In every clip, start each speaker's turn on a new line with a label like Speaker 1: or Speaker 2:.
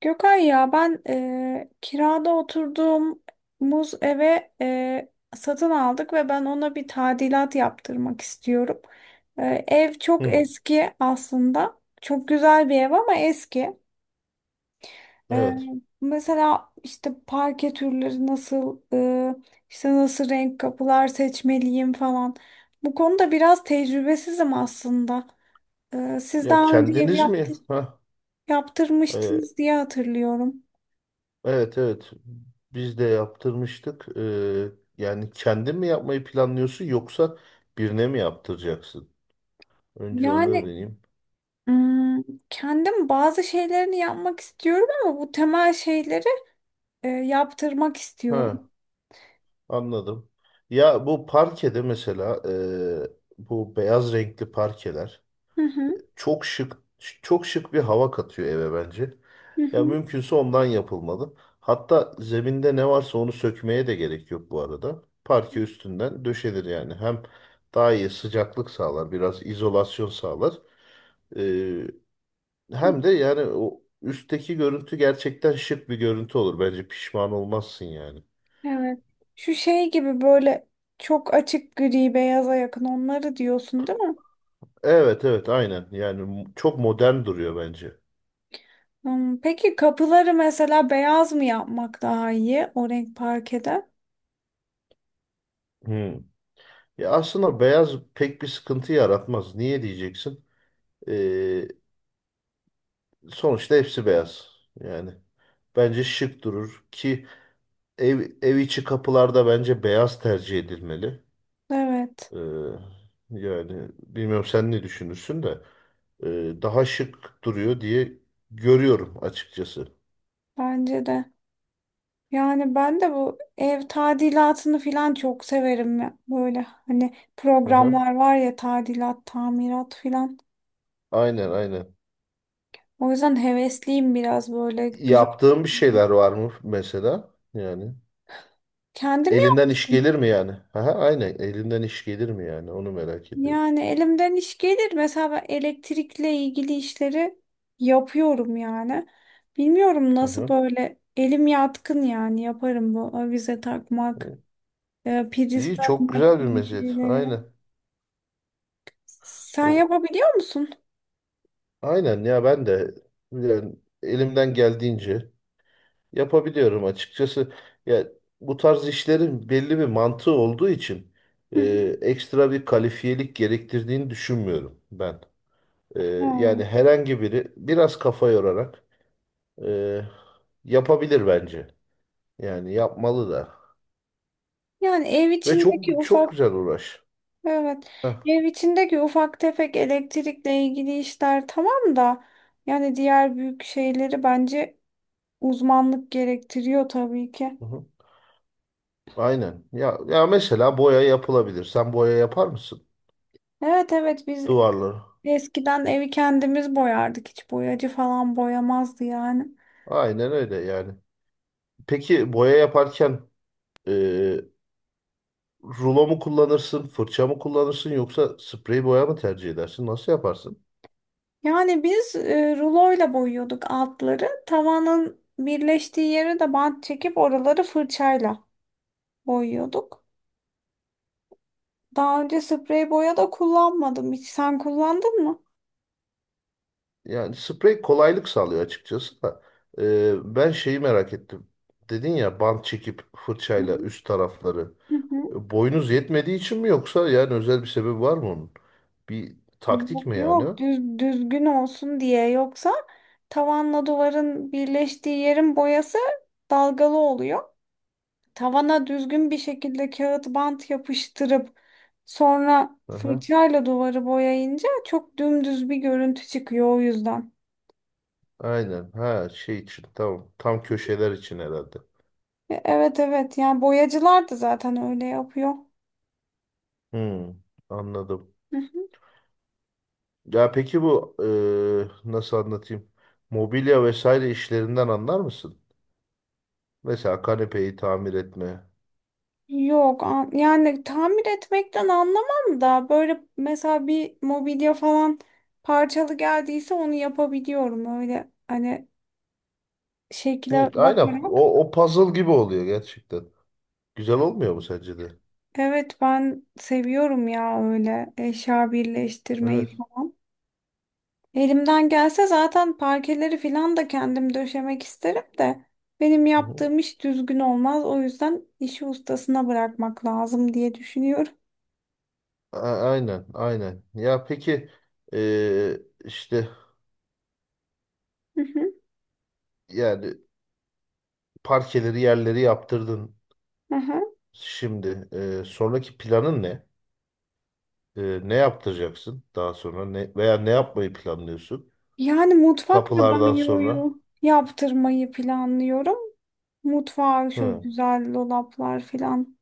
Speaker 1: Gökay ya ben kirada oturduğumuz eve satın aldık ve ben ona bir tadilat yaptırmak istiyorum. Ev çok
Speaker 2: Hı,
Speaker 1: eski aslında. Çok güzel bir ev ama eski. Eee,
Speaker 2: evet.
Speaker 1: Mesela işte parke türleri nasıl, işte nasıl renk kapılar seçmeliyim falan. Bu konuda biraz tecrübesizim aslında. Siz
Speaker 2: Ya
Speaker 1: daha önce
Speaker 2: kendiniz mi? Ha, e,
Speaker 1: yaptırmıştınız diye hatırlıyorum.
Speaker 2: evet evet. Biz de yaptırmıştık. Yani kendin mi yapmayı planlıyorsun yoksa birine mi yaptıracaksın? Önce onu
Speaker 1: Yani
Speaker 2: öğreneyim.
Speaker 1: hmm, kendim bazı şeylerini yapmak istiyorum ama bu temel şeyleri yaptırmak istiyorum.
Speaker 2: Ha, anladım. Ya bu parkede mesela bu beyaz renkli parkeler.
Speaker 1: Hı hı,
Speaker 2: çok şık çok şık bir hava katıyor eve bence.
Speaker 1: hı
Speaker 2: Ya
Speaker 1: hı,
Speaker 2: mümkünse ondan yapılmalı. Hatta zeminde ne varsa onu sökmeye de gerek yok bu arada. Parke üstünden döşenir yani. Hem daha iyi sıcaklık sağlar, biraz izolasyon sağlar. Ee,
Speaker 1: hı.
Speaker 2: hem de yani o üstteki görüntü gerçekten şık bir görüntü olur. Bence pişman olmazsın yani.
Speaker 1: Evet. Şu şey gibi böyle çok açık gri beyaza yakın onları diyorsun değil mi?
Speaker 2: Evet evet aynen. Çok modern duruyor bence.
Speaker 1: Hmm, peki kapıları mesela beyaz mı yapmak daha iyi o renk parkede?
Speaker 2: Hmm. Ya aslında beyaz pek bir sıkıntı yaratmaz. Niye diyeceksin? Ee, Sonuçta hepsi beyaz. Yani bence şık durur ki ev içi kapılarda bence beyaz tercih edilmeli.
Speaker 1: Evet,
Speaker 2: Ee, yani bilmiyorum sen ne düşünürsün de daha şık duruyor diye görüyorum açıkçası.
Speaker 1: bence de. Yani ben de bu ev tadilatını falan çok severim ya. Böyle hani
Speaker 2: Aha,
Speaker 1: programlar var ya tadilat, tamirat falan.
Speaker 2: aynen aynen.
Speaker 1: O yüzden hevesliyim biraz böyle güzel.
Speaker 2: Yaptığım bir şeyler var mı mesela? Yani
Speaker 1: Kendim
Speaker 2: elinden iş
Speaker 1: yaptım.
Speaker 2: gelir mi yani? Aha, aynen elinden iş gelir mi yani? Onu merak ediyorum.
Speaker 1: Yani elimden iş gelir. Mesela ben elektrikle ilgili işleri yapıyorum yani. Bilmiyorum nasıl
Speaker 2: Aha.
Speaker 1: böyle elim yatkın yani yaparım bu avize takmak, priz
Speaker 2: İyi çok
Speaker 1: takmak
Speaker 2: güzel bir
Speaker 1: gibi
Speaker 2: meziyet.
Speaker 1: şeyleri.
Speaker 2: Aynen.
Speaker 1: Sen yapabiliyor musun?
Speaker 2: Aynen ya ben de yani elimden geldiğince yapabiliyorum açıkçası. Ya bu tarz işlerin belli bir mantığı olduğu için
Speaker 1: Hı hı.
Speaker 2: e, ekstra bir kalifiyelik gerektirdiğini düşünmüyorum ben. E,
Speaker 1: Ha.
Speaker 2: yani herhangi biri biraz kafa yorarak e, yapabilir bence. Yani yapmalı da.
Speaker 1: Yani ev
Speaker 2: Ve
Speaker 1: içindeki
Speaker 2: çok çok
Speaker 1: ufak
Speaker 2: güzel uğraş.
Speaker 1: evet.
Speaker 2: Heh,
Speaker 1: Ev içindeki ufak tefek elektrikle ilgili işler tamam da yani diğer büyük şeyleri bence uzmanlık gerektiriyor tabii ki.
Speaker 2: hı hı. Aynen. Ya mesela boya yapılabilir. Sen boya yapar mısın?
Speaker 1: Evet evet biz
Speaker 2: Duvarları.
Speaker 1: eskiden evi kendimiz boyardık. Hiç boyacı falan boyamazdı yani.
Speaker 2: Aynen öyle yani. Peki boya yaparken e, rulo mu kullanırsın, fırça mı kullanırsın yoksa sprey boya mı tercih edersin? Nasıl yaparsın?
Speaker 1: Yani biz ruloyla boyuyorduk altları. Tavanın birleştiği yere de bant çekip oraları fırçayla boyuyorduk. Daha önce sprey boya da kullanmadım hiç. Sen kullandın mı?
Speaker 2: Yani sprey kolaylık sağlıyor açıkçası da. E, ben şeyi merak ettim. Dedin ya bant çekip
Speaker 1: Hı
Speaker 2: fırçayla üst tarafları.
Speaker 1: hı.
Speaker 2: E, boyunuz yetmediği için mi yoksa yani özel bir sebebi var mı onun? Bir taktik
Speaker 1: Yok
Speaker 2: mi yani
Speaker 1: yok
Speaker 2: o?
Speaker 1: düzgün olsun diye yoksa tavanla duvarın birleştiği yerin boyası dalgalı oluyor. Tavana düzgün bir şekilde kağıt bant yapıştırıp sonra
Speaker 2: Aha,
Speaker 1: fırçayla duvarı boyayınca çok dümdüz bir görüntü çıkıyor o yüzden.
Speaker 2: aynen. Ha şey için tamam. Tam köşeler için herhalde.
Speaker 1: Evet evet yani boyacılar da zaten öyle yapıyor.
Speaker 2: Hmm, anladım. Ya peki bu nasıl anlatayım? Mobilya vesaire işlerinden anlar mısın? Mesela kanepeyi tamir etme.
Speaker 1: Yok an- Yani tamir etmekten anlamam da böyle mesela bir mobilya falan parçalı geldiyse onu yapabiliyorum öyle hani şekle
Speaker 2: Hı, aynen.
Speaker 1: bakarak.
Speaker 2: O puzzle gibi oluyor gerçekten. Güzel olmuyor mu sence de?
Speaker 1: Evet ben seviyorum ya öyle eşya birleştirmeyi
Speaker 2: Evet.
Speaker 1: falan. Elimden gelse zaten parkeleri falan da kendim döşemek isterim de benim
Speaker 2: Hı hı.
Speaker 1: yaptığım iş düzgün olmaz. O yüzden işi ustasına bırakmak lazım diye düşünüyorum.
Speaker 2: A- aynen, aynen. Ya peki e, işte
Speaker 1: Hı hı.
Speaker 2: yani parkeleri yerleri yaptırdın
Speaker 1: Aha.
Speaker 2: şimdi. E, sonraki planın ne? E, ne yaptıracaksın daha sonra? Ne, veya ne yapmayı planlıyorsun?
Speaker 1: Yani mutfak ve
Speaker 2: Kapılardan sonra.
Speaker 1: banyoyu yaptırmayı planlıyorum. Mutfağı şu
Speaker 2: Hı.
Speaker 1: güzel dolaplar falan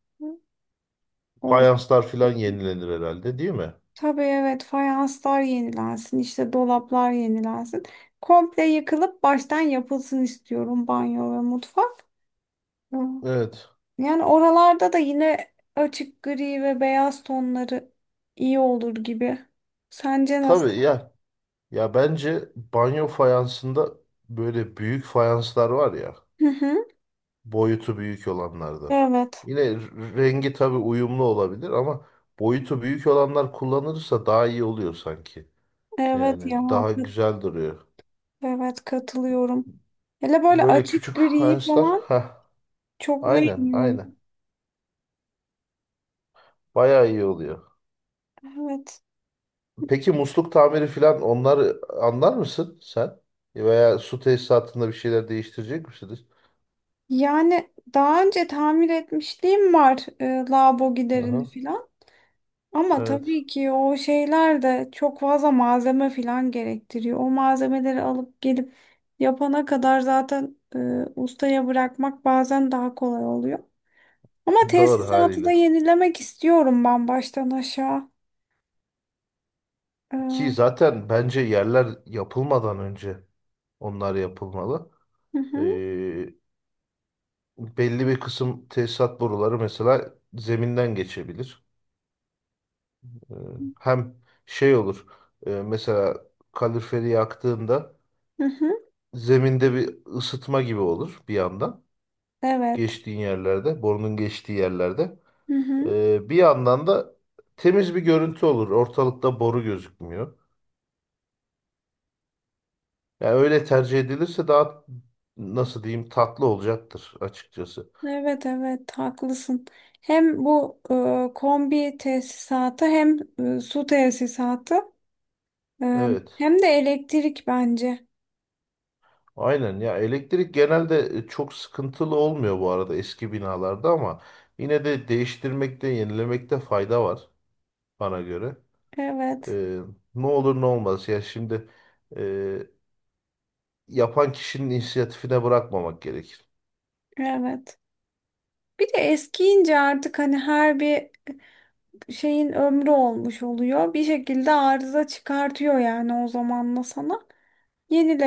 Speaker 1: olsun.
Speaker 2: Fayanslar filan yenilenir herhalde değil mi?
Speaker 1: Tabii evet fayanslar yenilensin işte dolaplar yenilensin. Komple yıkılıp baştan yapılsın istiyorum banyo ve mutfak. Hı.
Speaker 2: Evet.
Speaker 1: Yani oralarda da yine açık gri ve beyaz tonları iyi olur gibi. Sence
Speaker 2: Tabii
Speaker 1: nasıl?
Speaker 2: ya. Ya bence banyo fayansında böyle büyük fayanslar var ya.
Speaker 1: Hı hı.
Speaker 2: Boyutu büyük olanlardan.
Speaker 1: Evet.
Speaker 2: Yine rengi tabii uyumlu olabilir ama boyutu büyük olanlar kullanılırsa daha iyi oluyor sanki.
Speaker 1: Evet ya.
Speaker 2: Yani daha güzel duruyor.
Speaker 1: Evet katılıyorum. Hele böyle
Speaker 2: Böyle
Speaker 1: açık
Speaker 2: küçük
Speaker 1: gri
Speaker 2: fayanslar.
Speaker 1: falan
Speaker 2: Heh,
Speaker 1: çok
Speaker 2: aynen
Speaker 1: beğeniyorum.
Speaker 2: aynen. Bayağı iyi oluyor.
Speaker 1: Evet.
Speaker 2: Peki musluk tamiri falan onları anlar mısın sen? Veya su tesisatında bir şeyler değiştirecek misiniz?
Speaker 1: Yani daha önce tamir etmişliğim var lavabo giderini
Speaker 2: Aha,
Speaker 1: falan. Ama
Speaker 2: evet.
Speaker 1: tabii ki o şeyler de çok fazla malzeme falan gerektiriyor. O malzemeleri alıp gelip yapana kadar zaten ustaya bırakmak bazen daha kolay oluyor. Ama
Speaker 2: Doğru
Speaker 1: tesisatı da
Speaker 2: haliyle.
Speaker 1: yenilemek istiyorum ben baştan aşağı.
Speaker 2: Ki
Speaker 1: Hı
Speaker 2: zaten bence yerler yapılmadan önce onlar yapılmalı.
Speaker 1: hı,
Speaker 2: Ee, belli bir kısım tesisat boruları mesela zeminden geçebilir. Ee, hem şey olur. Mesela kaloriferi yaktığında
Speaker 1: hı hı,
Speaker 2: zeminde bir ısıtma gibi olur bir yandan.
Speaker 1: evet.
Speaker 2: Geçtiğin yerlerde, borunun geçtiği yerlerde.
Speaker 1: Hı hı.
Speaker 2: Bir yandan da temiz bir görüntü olur. Ortalıkta boru gözükmüyor. Yani öyle tercih edilirse daha nasıl diyeyim tatlı olacaktır açıkçası.
Speaker 1: Evet evet haklısın. Hem bu kombi tesisatı hem su tesisatı e,
Speaker 2: Evet.
Speaker 1: hem de elektrik bence.
Speaker 2: Aynen ya elektrik genelde çok sıkıntılı olmuyor bu arada eski binalarda ama yine de değiştirmekte, yenilemekte fayda var bana göre.
Speaker 1: Evet
Speaker 2: Ee, ne olur ne olmaz ya şimdi e, yapan kişinin inisiyatifine bırakmamak gerekir.
Speaker 1: evet. Bir de eskiyince artık hani her bir şeyin ömrü olmuş oluyor. Bir şekilde arıza çıkartıyor yani o zamanla sana.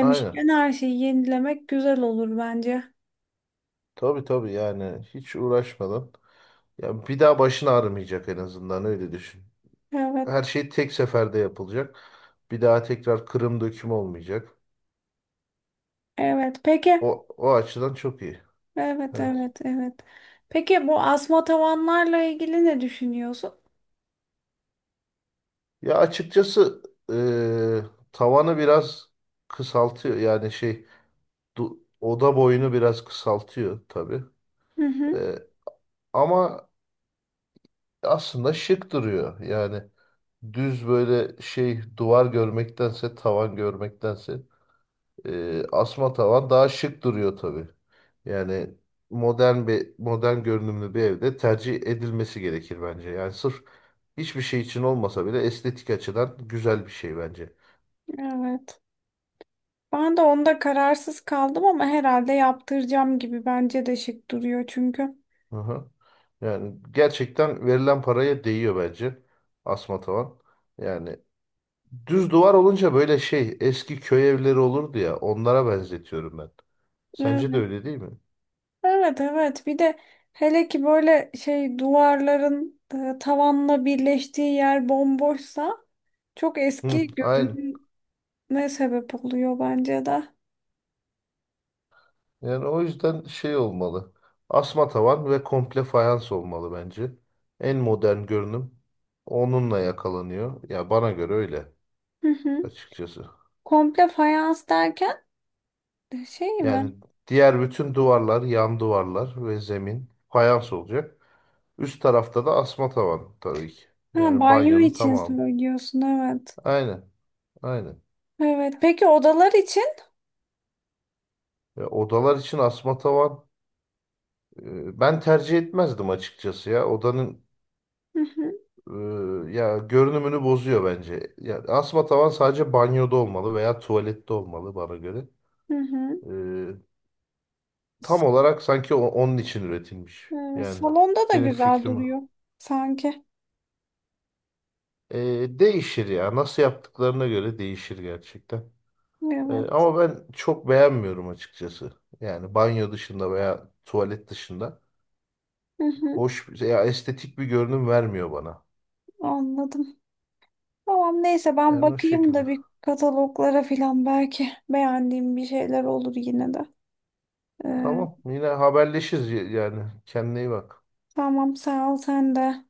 Speaker 2: Aynen.
Speaker 1: her şeyi yenilemek güzel olur bence.
Speaker 2: Tabii tabii yani hiç uğraşmadan. Ya bir daha başın ağrımayacak en azından öyle düşün.
Speaker 1: Evet
Speaker 2: Her şey tek seferde yapılacak. Bir daha tekrar kırım döküm olmayacak.
Speaker 1: evet. Peki
Speaker 2: O açıdan çok iyi.
Speaker 1: evet
Speaker 2: Evet.
Speaker 1: evet evet. Peki bu asma tavanlarla ilgili ne düşünüyorsun?
Speaker 2: Ya açıkçası eee, tavanı biraz kısaltıyor. Oda boyunu biraz kısaltıyor tabii.
Speaker 1: Hı hı,
Speaker 2: Eee, ama aslında şık duruyor. Yani düz böyle şey duvar görmektense tavan görmektense e, asma tavan daha şık duruyor tabii. Yani modern görünümlü bir evde tercih edilmesi gerekir bence. Yani sırf hiçbir şey için olmasa bile estetik açıdan güzel bir şey bence.
Speaker 1: evet. Ben de onda kararsız kaldım ama herhalde yaptıracağım gibi bence de şık duruyor çünkü.
Speaker 2: Hı hı. Yani gerçekten verilen paraya değiyor bence asma tavan. Yani düz duvar olunca böyle şey eski köy evleri olurdu ya onlara benzetiyorum ben. Sence de
Speaker 1: Evet.
Speaker 2: öyle değil mi?
Speaker 1: Evet evet bir de hele ki böyle şey duvarların tavanla birleştiği yer bomboşsa çok
Speaker 2: Hı,
Speaker 1: eski
Speaker 2: aynen.
Speaker 1: görünür ne sebep oluyor bence de.
Speaker 2: Yani o yüzden şey olmalı. Asma tavan ve komple fayans olmalı bence. En modern görünüm onunla yakalanıyor. Ya bana göre öyle
Speaker 1: Hı hı.
Speaker 2: açıkçası.
Speaker 1: Komple fayans derken şey mi?
Speaker 2: Yani diğer bütün duvarlar, yan duvarlar ve zemin fayans olacak. Üst tarafta da asma tavan tabii ki.
Speaker 1: Ha,
Speaker 2: Yani
Speaker 1: banyo
Speaker 2: banyonun
Speaker 1: için
Speaker 2: tamamı.
Speaker 1: söylüyorsun evet.
Speaker 2: Aynen, aynen.
Speaker 1: Evet. Peki odalar için?
Speaker 2: Ya odalar için asma tavan ben tercih etmezdim açıkçası ya. Odanın
Speaker 1: Hı hı.
Speaker 2: Ya görünümünü bozuyor bence. Ya asma tavan sadece banyoda olmalı veya tuvalette olmalı bana göre.
Speaker 1: Hı hı.
Speaker 2: Ee, tam
Speaker 1: S-
Speaker 2: olarak sanki onun için üretilmiş.
Speaker 1: evet,
Speaker 2: Yani
Speaker 1: salonda da
Speaker 2: benim
Speaker 1: güzel
Speaker 2: fikrim o.
Speaker 1: duruyor sanki.
Speaker 2: Değişir ya. Nasıl yaptıklarına göre değişir gerçekten.
Speaker 1: Evet.
Speaker 2: Ama ben çok beğenmiyorum açıkçası. Yani banyo dışında veya tuvalet dışında.
Speaker 1: Hı hı.
Speaker 2: Hoş, ya estetik bir görünüm vermiyor bana.
Speaker 1: Anladım. Tamam neyse ben
Speaker 2: Yani o
Speaker 1: bakayım
Speaker 2: şekilde.
Speaker 1: da bir kataloglara filan belki beğendiğim bir şeyler olur yine de. Ee,
Speaker 2: Tamam. Yine haberleşiriz yani. Kendine iyi bak.
Speaker 1: tamam sağ ol sen de.